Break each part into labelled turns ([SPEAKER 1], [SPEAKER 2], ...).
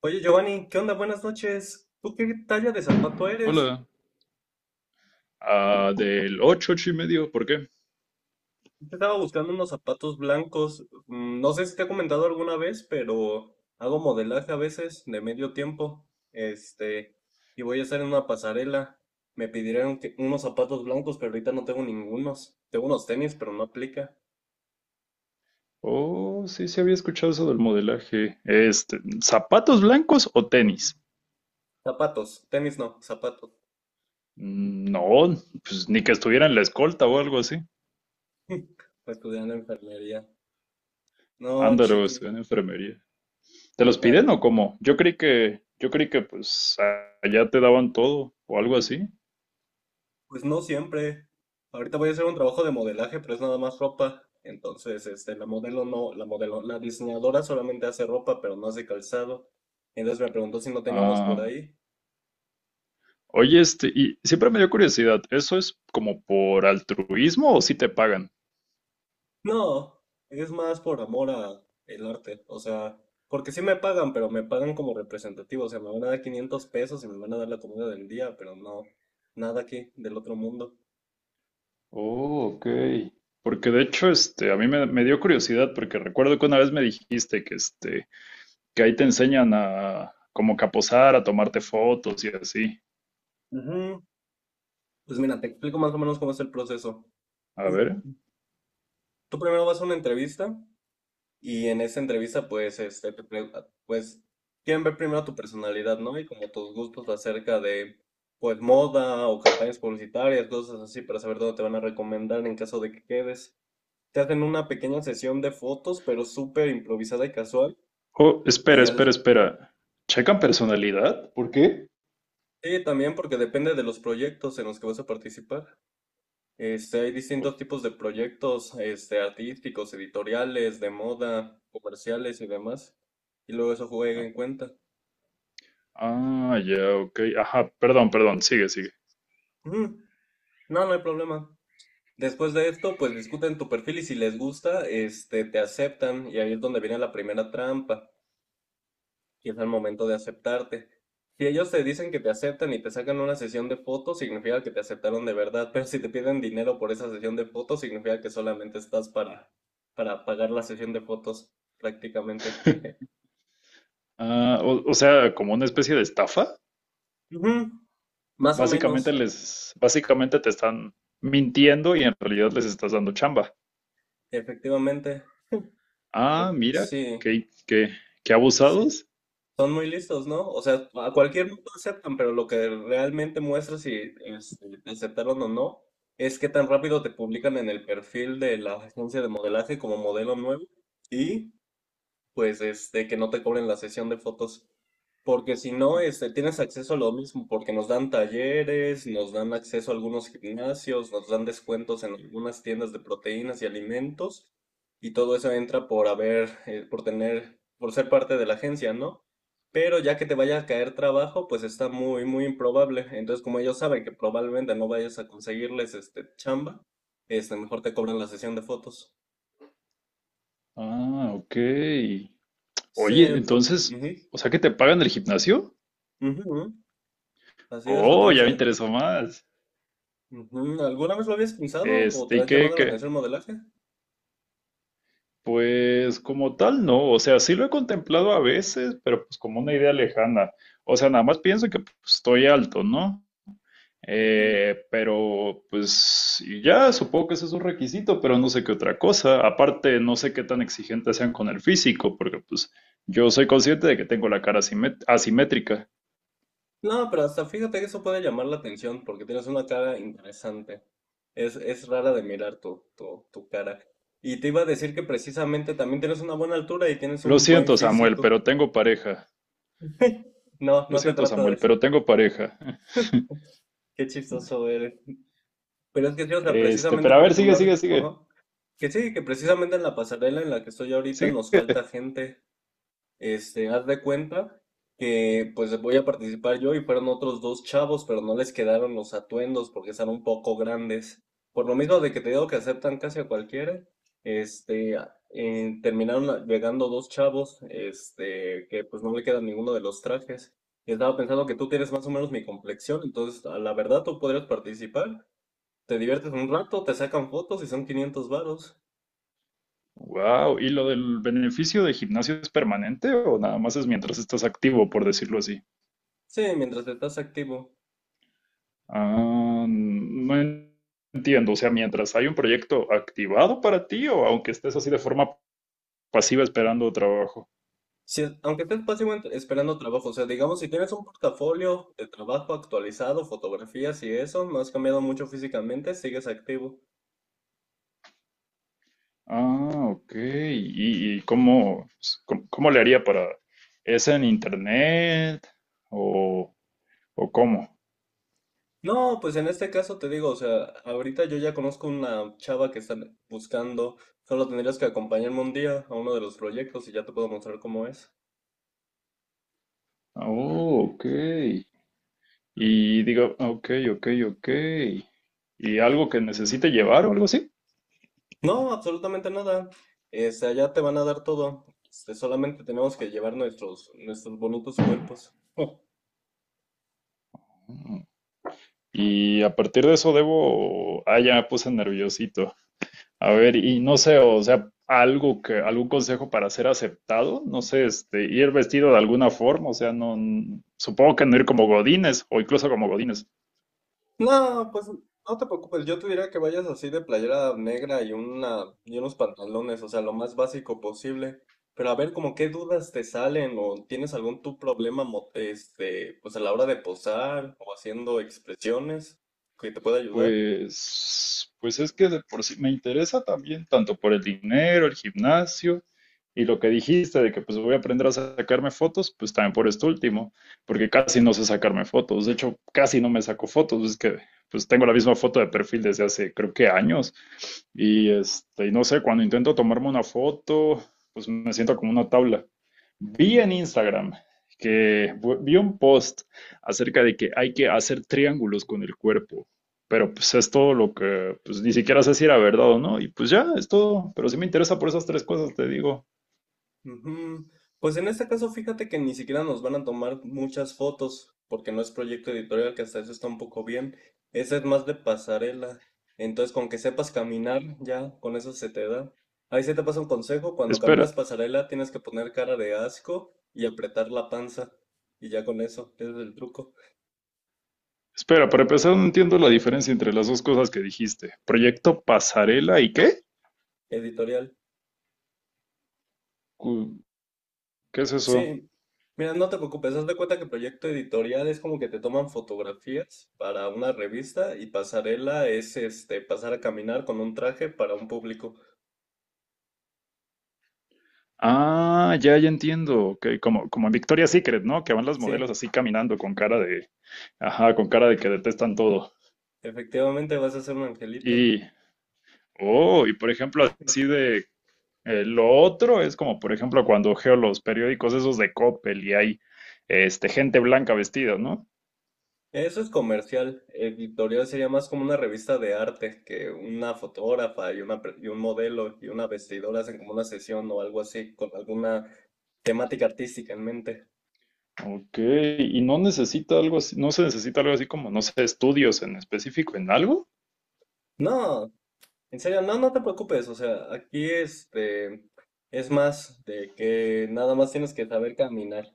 [SPEAKER 1] Oye, Giovanni, ¿qué onda? Buenas noches. ¿Tú qué talla de zapato eres?
[SPEAKER 2] Hola. Ah, del 8 8 y medio, ¿por qué?
[SPEAKER 1] Yo estaba buscando unos zapatos blancos. No sé si te he comentado alguna vez, pero hago modelaje a veces de medio tiempo. Este, y voy a estar en una pasarela. Unos zapatos blancos, pero ahorita no tengo ningunos. Tengo unos tenis, pero no aplica.
[SPEAKER 2] Oh, sí, sí había escuchado eso del modelaje. Este, ¿zapatos blancos o tenis?
[SPEAKER 1] Zapatos, tenis no, zapatos.
[SPEAKER 2] Mm, no, pues ni que estuviera en la escolta o algo así.
[SPEAKER 1] Estudiando enfermería. No,
[SPEAKER 2] Ándalo,
[SPEAKER 1] chiqui,
[SPEAKER 2] estoy en enfermería. ¿Te los piden o cómo? Yo creí que pues allá te daban todo o algo así.
[SPEAKER 1] pues no siempre. Ahorita voy a hacer un trabajo de modelaje, pero es nada más ropa. Entonces, la modelo no, la modelo, la diseñadora solamente hace ropa, pero no hace calzado. Entonces me preguntó si no tenía por
[SPEAKER 2] Ah.
[SPEAKER 1] ahí.
[SPEAKER 2] Oye, este, y siempre me dio curiosidad, ¿eso es como por altruismo o si te pagan?
[SPEAKER 1] No, es más por amor a el arte. O sea, porque sí me pagan, pero me pagan como representativo. O sea, me van a dar 500 pesos y me van a dar la comida del día, pero no, nada aquí del otro mundo.
[SPEAKER 2] Oh, ok. Porque de hecho, este, a mí me dio curiosidad porque recuerdo que una vez me dijiste que, este, que ahí te enseñan a como que a posar, a tomarte fotos y así.
[SPEAKER 1] Ujú. Pues mira, te explico más o menos cómo es el proceso.
[SPEAKER 2] A ver.
[SPEAKER 1] Tú primero vas a una entrevista. Y en esa entrevista, pues, pues, quieren ver primero tu personalidad, ¿no? Y como tus gustos acerca de, pues, moda o campañas publicitarias, cosas así, para saber dónde te van a recomendar en caso de que quedes. Te hacen una pequeña sesión de fotos, pero súper improvisada y casual.
[SPEAKER 2] Oh,
[SPEAKER 1] Y
[SPEAKER 2] espera,
[SPEAKER 1] ya
[SPEAKER 2] espera,
[SPEAKER 1] después...
[SPEAKER 2] espera. ¿Checan personalidad? ¿Por qué?
[SPEAKER 1] Sí, también porque depende de los proyectos en los que vas a participar. Hay distintos tipos de proyectos, artísticos, editoriales, de moda, comerciales y demás. Y luego eso juega en cuenta.
[SPEAKER 2] Ah, ya, ok. Ajá, perdón, perdón, sigue, sigue.
[SPEAKER 1] Ujú. No, no hay problema. Después de esto, pues discuten tu perfil y si les gusta, te aceptan y ahí es donde viene la primera trampa, que es al momento de aceptarte. Si ellos te dicen que te aceptan y te sacan una sesión de fotos, significa que te aceptaron de verdad, pero si te piden dinero por esa sesión de fotos, significa que solamente estás para pagar la sesión de fotos, prácticamente. Jeje.
[SPEAKER 2] Ah, o sea, como una especie de estafa.
[SPEAKER 1] Ujú, más o
[SPEAKER 2] Básicamente
[SPEAKER 1] menos,
[SPEAKER 2] les, básicamente te están mintiendo y en realidad les estás dando chamba.
[SPEAKER 1] efectivamente.
[SPEAKER 2] Ah, mira,
[SPEAKER 1] Sí,
[SPEAKER 2] qué, qué, qué
[SPEAKER 1] sí.
[SPEAKER 2] abusados.
[SPEAKER 1] Son muy listos, ¿no? O sea, a cualquier mundo aceptan, pero lo que realmente muestra si te aceptaron o no es qué tan rápido te publican en el perfil de la agencia de modelaje como modelo nuevo y que no te cobren la sesión de fotos. Porque si no, tienes acceso a lo mismo, porque nos dan talleres, nos dan acceso a algunos gimnasios, nos dan descuentos en algunas tiendas de proteínas y alimentos, y todo eso entra por haber, por tener, por ser parte de la agencia, ¿no? Pero ya que te vaya a caer trabajo, pues está muy, muy improbable. Entonces, como ellos saben que probablemente no vayas a conseguirles este chamba, mejor te cobran la sesión de fotos.
[SPEAKER 2] Ah, ok.
[SPEAKER 1] Sí,
[SPEAKER 2] Oye, entonces,
[SPEAKER 1] ujú,
[SPEAKER 2] ¿o sea que te pagan el gimnasio?
[SPEAKER 1] ujú, así es, lo
[SPEAKER 2] Oh,
[SPEAKER 1] tienes.
[SPEAKER 2] ya me interesó más.
[SPEAKER 1] Ujú, ¿alguna vez lo habías pensado o
[SPEAKER 2] Este,
[SPEAKER 1] te ha
[SPEAKER 2] ¿y qué,
[SPEAKER 1] llamado la
[SPEAKER 2] qué?
[SPEAKER 1] atención el modelaje?
[SPEAKER 2] Pues como tal, no. O sea, sí lo he contemplado a veces, pero pues como una idea lejana. O sea, nada más pienso que pues, estoy alto, ¿no?
[SPEAKER 1] Ujú.
[SPEAKER 2] Pero pues y ya, supongo que ese es un requisito, pero no sé qué otra cosa. Aparte, no sé qué tan exigentes sean con el físico, porque pues yo soy consciente de que tengo la cara asimétrica.
[SPEAKER 1] No, pero hasta fíjate que eso puede llamar la atención porque tienes una cara interesante. Es rara de mirar tu cara. Y te iba a decir que precisamente también tienes una buena altura y tienes
[SPEAKER 2] Lo
[SPEAKER 1] un buen
[SPEAKER 2] siento, Samuel,
[SPEAKER 1] físico.
[SPEAKER 2] pero tengo pareja.
[SPEAKER 1] No,
[SPEAKER 2] Lo
[SPEAKER 1] no se
[SPEAKER 2] siento,
[SPEAKER 1] trata de
[SPEAKER 2] Samuel,
[SPEAKER 1] eso.
[SPEAKER 2] pero tengo pareja.
[SPEAKER 1] Qué chistoso eres. Pero es que sí, o sea,
[SPEAKER 2] Este,
[SPEAKER 1] precisamente,
[SPEAKER 2] pero a
[SPEAKER 1] por
[SPEAKER 2] ver, sigue,
[SPEAKER 1] ejemplo,
[SPEAKER 2] sigue,
[SPEAKER 1] ahorita,
[SPEAKER 2] sigue.
[SPEAKER 1] ajá, que sí, que precisamente en la pasarela en la que estoy ahorita nos
[SPEAKER 2] Sigue.
[SPEAKER 1] falta gente. Haz de cuenta que pues voy a participar yo y fueron otros dos chavos, pero no les quedaron los atuendos porque están un poco grandes. Por lo mismo de que te digo que aceptan casi a cualquiera, terminaron llegando dos chavos, que pues no le quedan ninguno de los trajes. Y estaba pensando que tú tienes más o menos mi complexión, entonces a la verdad tú podrías participar. Te diviertes un rato, te sacan fotos y son 500 varos.
[SPEAKER 2] Wow, ¿y lo del beneficio de gimnasio es permanente o nada más es mientras estás activo, por decirlo así?
[SPEAKER 1] Sí, mientras estás activo.
[SPEAKER 2] Ah, no entiendo, o sea, mientras hay un proyecto activado para ti o aunque estés así de forma pasiva esperando trabajo.
[SPEAKER 1] Si es- Aunque estés básicamente esperando trabajo, o sea, digamos, si tienes un portafolio de trabajo actualizado, fotografías y eso, no has cambiado mucho físicamente, sigues activo.
[SPEAKER 2] Ah, ok. ¿Y cómo le haría para... ¿Es en internet o, o cómo?
[SPEAKER 1] No, pues en este caso te digo, o sea, ahorita yo ya conozco una chava que está buscando, solo tendrías que acompañarme un día a uno de los proyectos y ya te puedo mostrar cómo es.
[SPEAKER 2] Oh, ok. Y digo, ok, ok, ok. Y algo que necesite llevar o algo así.
[SPEAKER 1] No, absolutamente nada. Allá te van a dar todo. Solamente tenemos que llevar nuestros bonitos cuerpos.
[SPEAKER 2] Mm. Y a partir de eso debo, ya me puse nerviosito. A ver, y no sé, o sea, algo que, algún consejo para ser aceptado, no sé, este, ir vestido de alguna forma, o sea, no, supongo que no ir como godines o incluso como godines.
[SPEAKER 1] No, pues no te preocupes, yo te diría que vayas así de playera negra y una y unos pantalones, o sea, lo más básico posible. Pero a ver, como qué dudas te salen o tienes algún tu problema mo- este, pues a la hora de posar o haciendo expresiones que te pueda ayudar.
[SPEAKER 2] Pues es que de por sí me interesa también, tanto por el dinero, el gimnasio y lo que dijiste de que pues voy a aprender a sacarme fotos, pues también por esto último, porque casi no sé sacarme fotos. De hecho, casi no me saco fotos, es que pues tengo la misma foto de perfil desde hace creo que años. Y este, y no sé, cuando intento tomarme una foto, pues me siento como una tabla. Vi en Instagram que vi un post acerca de que hay que hacer triángulos con el cuerpo. Pero pues es todo lo que, pues ni siquiera sé si era verdad o no. Y pues ya, es todo. Pero sí me interesa por esas tres cosas, te digo.
[SPEAKER 1] Ujú. Pues en este caso, fíjate que ni siquiera nos van a tomar muchas fotos, porque no es proyecto editorial, que hasta eso está un poco bien. Ese es más de pasarela. Entonces, con que sepas caminar, ya, con eso se te da. Ahí se te pasa un consejo, cuando
[SPEAKER 2] Espera,
[SPEAKER 1] caminas pasarela tienes que poner cara de asco y apretar la panza. Y ya con eso, ese es el truco
[SPEAKER 2] espera, para empezar no entiendo la diferencia entre las dos cosas que dijiste. ¿Proyecto pasarela y qué?
[SPEAKER 1] editorial.
[SPEAKER 2] Cu- ¿Qué es eso?
[SPEAKER 1] Sí, mira, no te preocupes, haz de cuenta que proyecto editorial es como que te toman fotografías para una revista y pasarela es este pasar a caminar con un traje para un público.
[SPEAKER 2] Ah, ya, ya entiendo. Ok, como en Victoria's Secret, ¿no? Que van las modelos
[SPEAKER 1] Sí,
[SPEAKER 2] así caminando con cara de, ajá, con cara de que detestan todo.
[SPEAKER 1] efectivamente vas a ser un angelito.
[SPEAKER 2] Y, oh, y por ejemplo, así de... lo otro es como, por ejemplo, cuando geo los periódicos esos de Coppel y hay este, gente blanca vestida, ¿no?
[SPEAKER 1] Eso es comercial. Editorial sería más como una revista de arte que una fotógrafa y y un modelo y una vestidora hacen como una sesión o algo así con alguna temática artística en mente.
[SPEAKER 2] Ok, y no necesita algo así, no se necesita algo así como, no sé, estudios en específico en algo.
[SPEAKER 1] No, en serio, no, no te preocupes, o sea, aquí es más de que nada más tienes que saber caminar.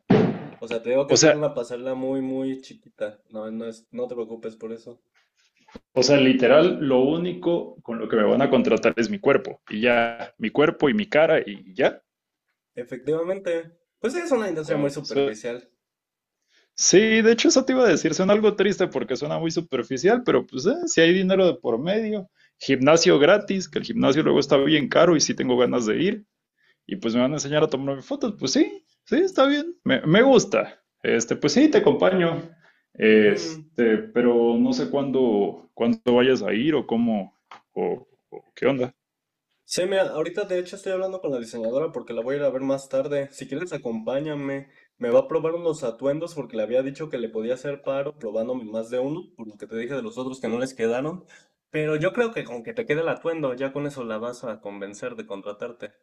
[SPEAKER 1] O sea, te digo que
[SPEAKER 2] O
[SPEAKER 1] esa es
[SPEAKER 2] sea,
[SPEAKER 1] una pasarela muy, muy chiquita. No te preocupes por eso.
[SPEAKER 2] o sea, literal, lo único con lo que me van a contratar es mi cuerpo y ya, mi cuerpo y mi cara y ya.
[SPEAKER 1] Efectivamente, pues sí, es una industria muy
[SPEAKER 2] Wow.
[SPEAKER 1] superficial.
[SPEAKER 2] Sí, de hecho eso te iba a decir, suena algo triste porque suena muy superficial, pero pues si hay dinero de por medio, gimnasio gratis, que el gimnasio luego está bien caro y sí tengo ganas de ir, y pues me van a enseñar a tomarme fotos, pues sí, sí, está bien, me gusta. Este, pues sí, te acompaño.
[SPEAKER 1] Ujú.
[SPEAKER 2] Este, pero no sé cuándo vayas a ir o cómo, o qué onda.
[SPEAKER 1] Sí, mira, ahorita de hecho estoy hablando con la diseñadora porque la voy a ir a ver más tarde. Si quieres, acompáñame. Me va a probar unos atuendos porque le había dicho que le podía hacer paro probándome más de uno, por lo que te dije de los otros que no les quedaron. Pero yo creo que con que te quede el atuendo, ya con eso la vas a convencer de contratarte.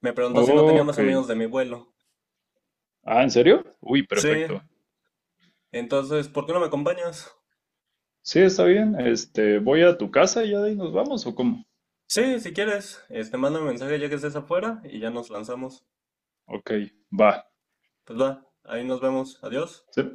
[SPEAKER 1] Me preguntó si no tenía
[SPEAKER 2] Ok.
[SPEAKER 1] más amigos de mi vuelo.
[SPEAKER 2] Ah, ¿en serio? Uy,
[SPEAKER 1] Sí,
[SPEAKER 2] perfecto.
[SPEAKER 1] entonces, ¿por qué no me acompañas?
[SPEAKER 2] Sí, está bien. Este, voy a tu casa y ya de ahí nos vamos, ¿o cómo?
[SPEAKER 1] Sí, si quieres, mándame un mensaje ya que estés afuera y ya nos lanzamos.
[SPEAKER 2] Ok, va.
[SPEAKER 1] Pues va, ahí nos vemos. Adiós.
[SPEAKER 2] Sí.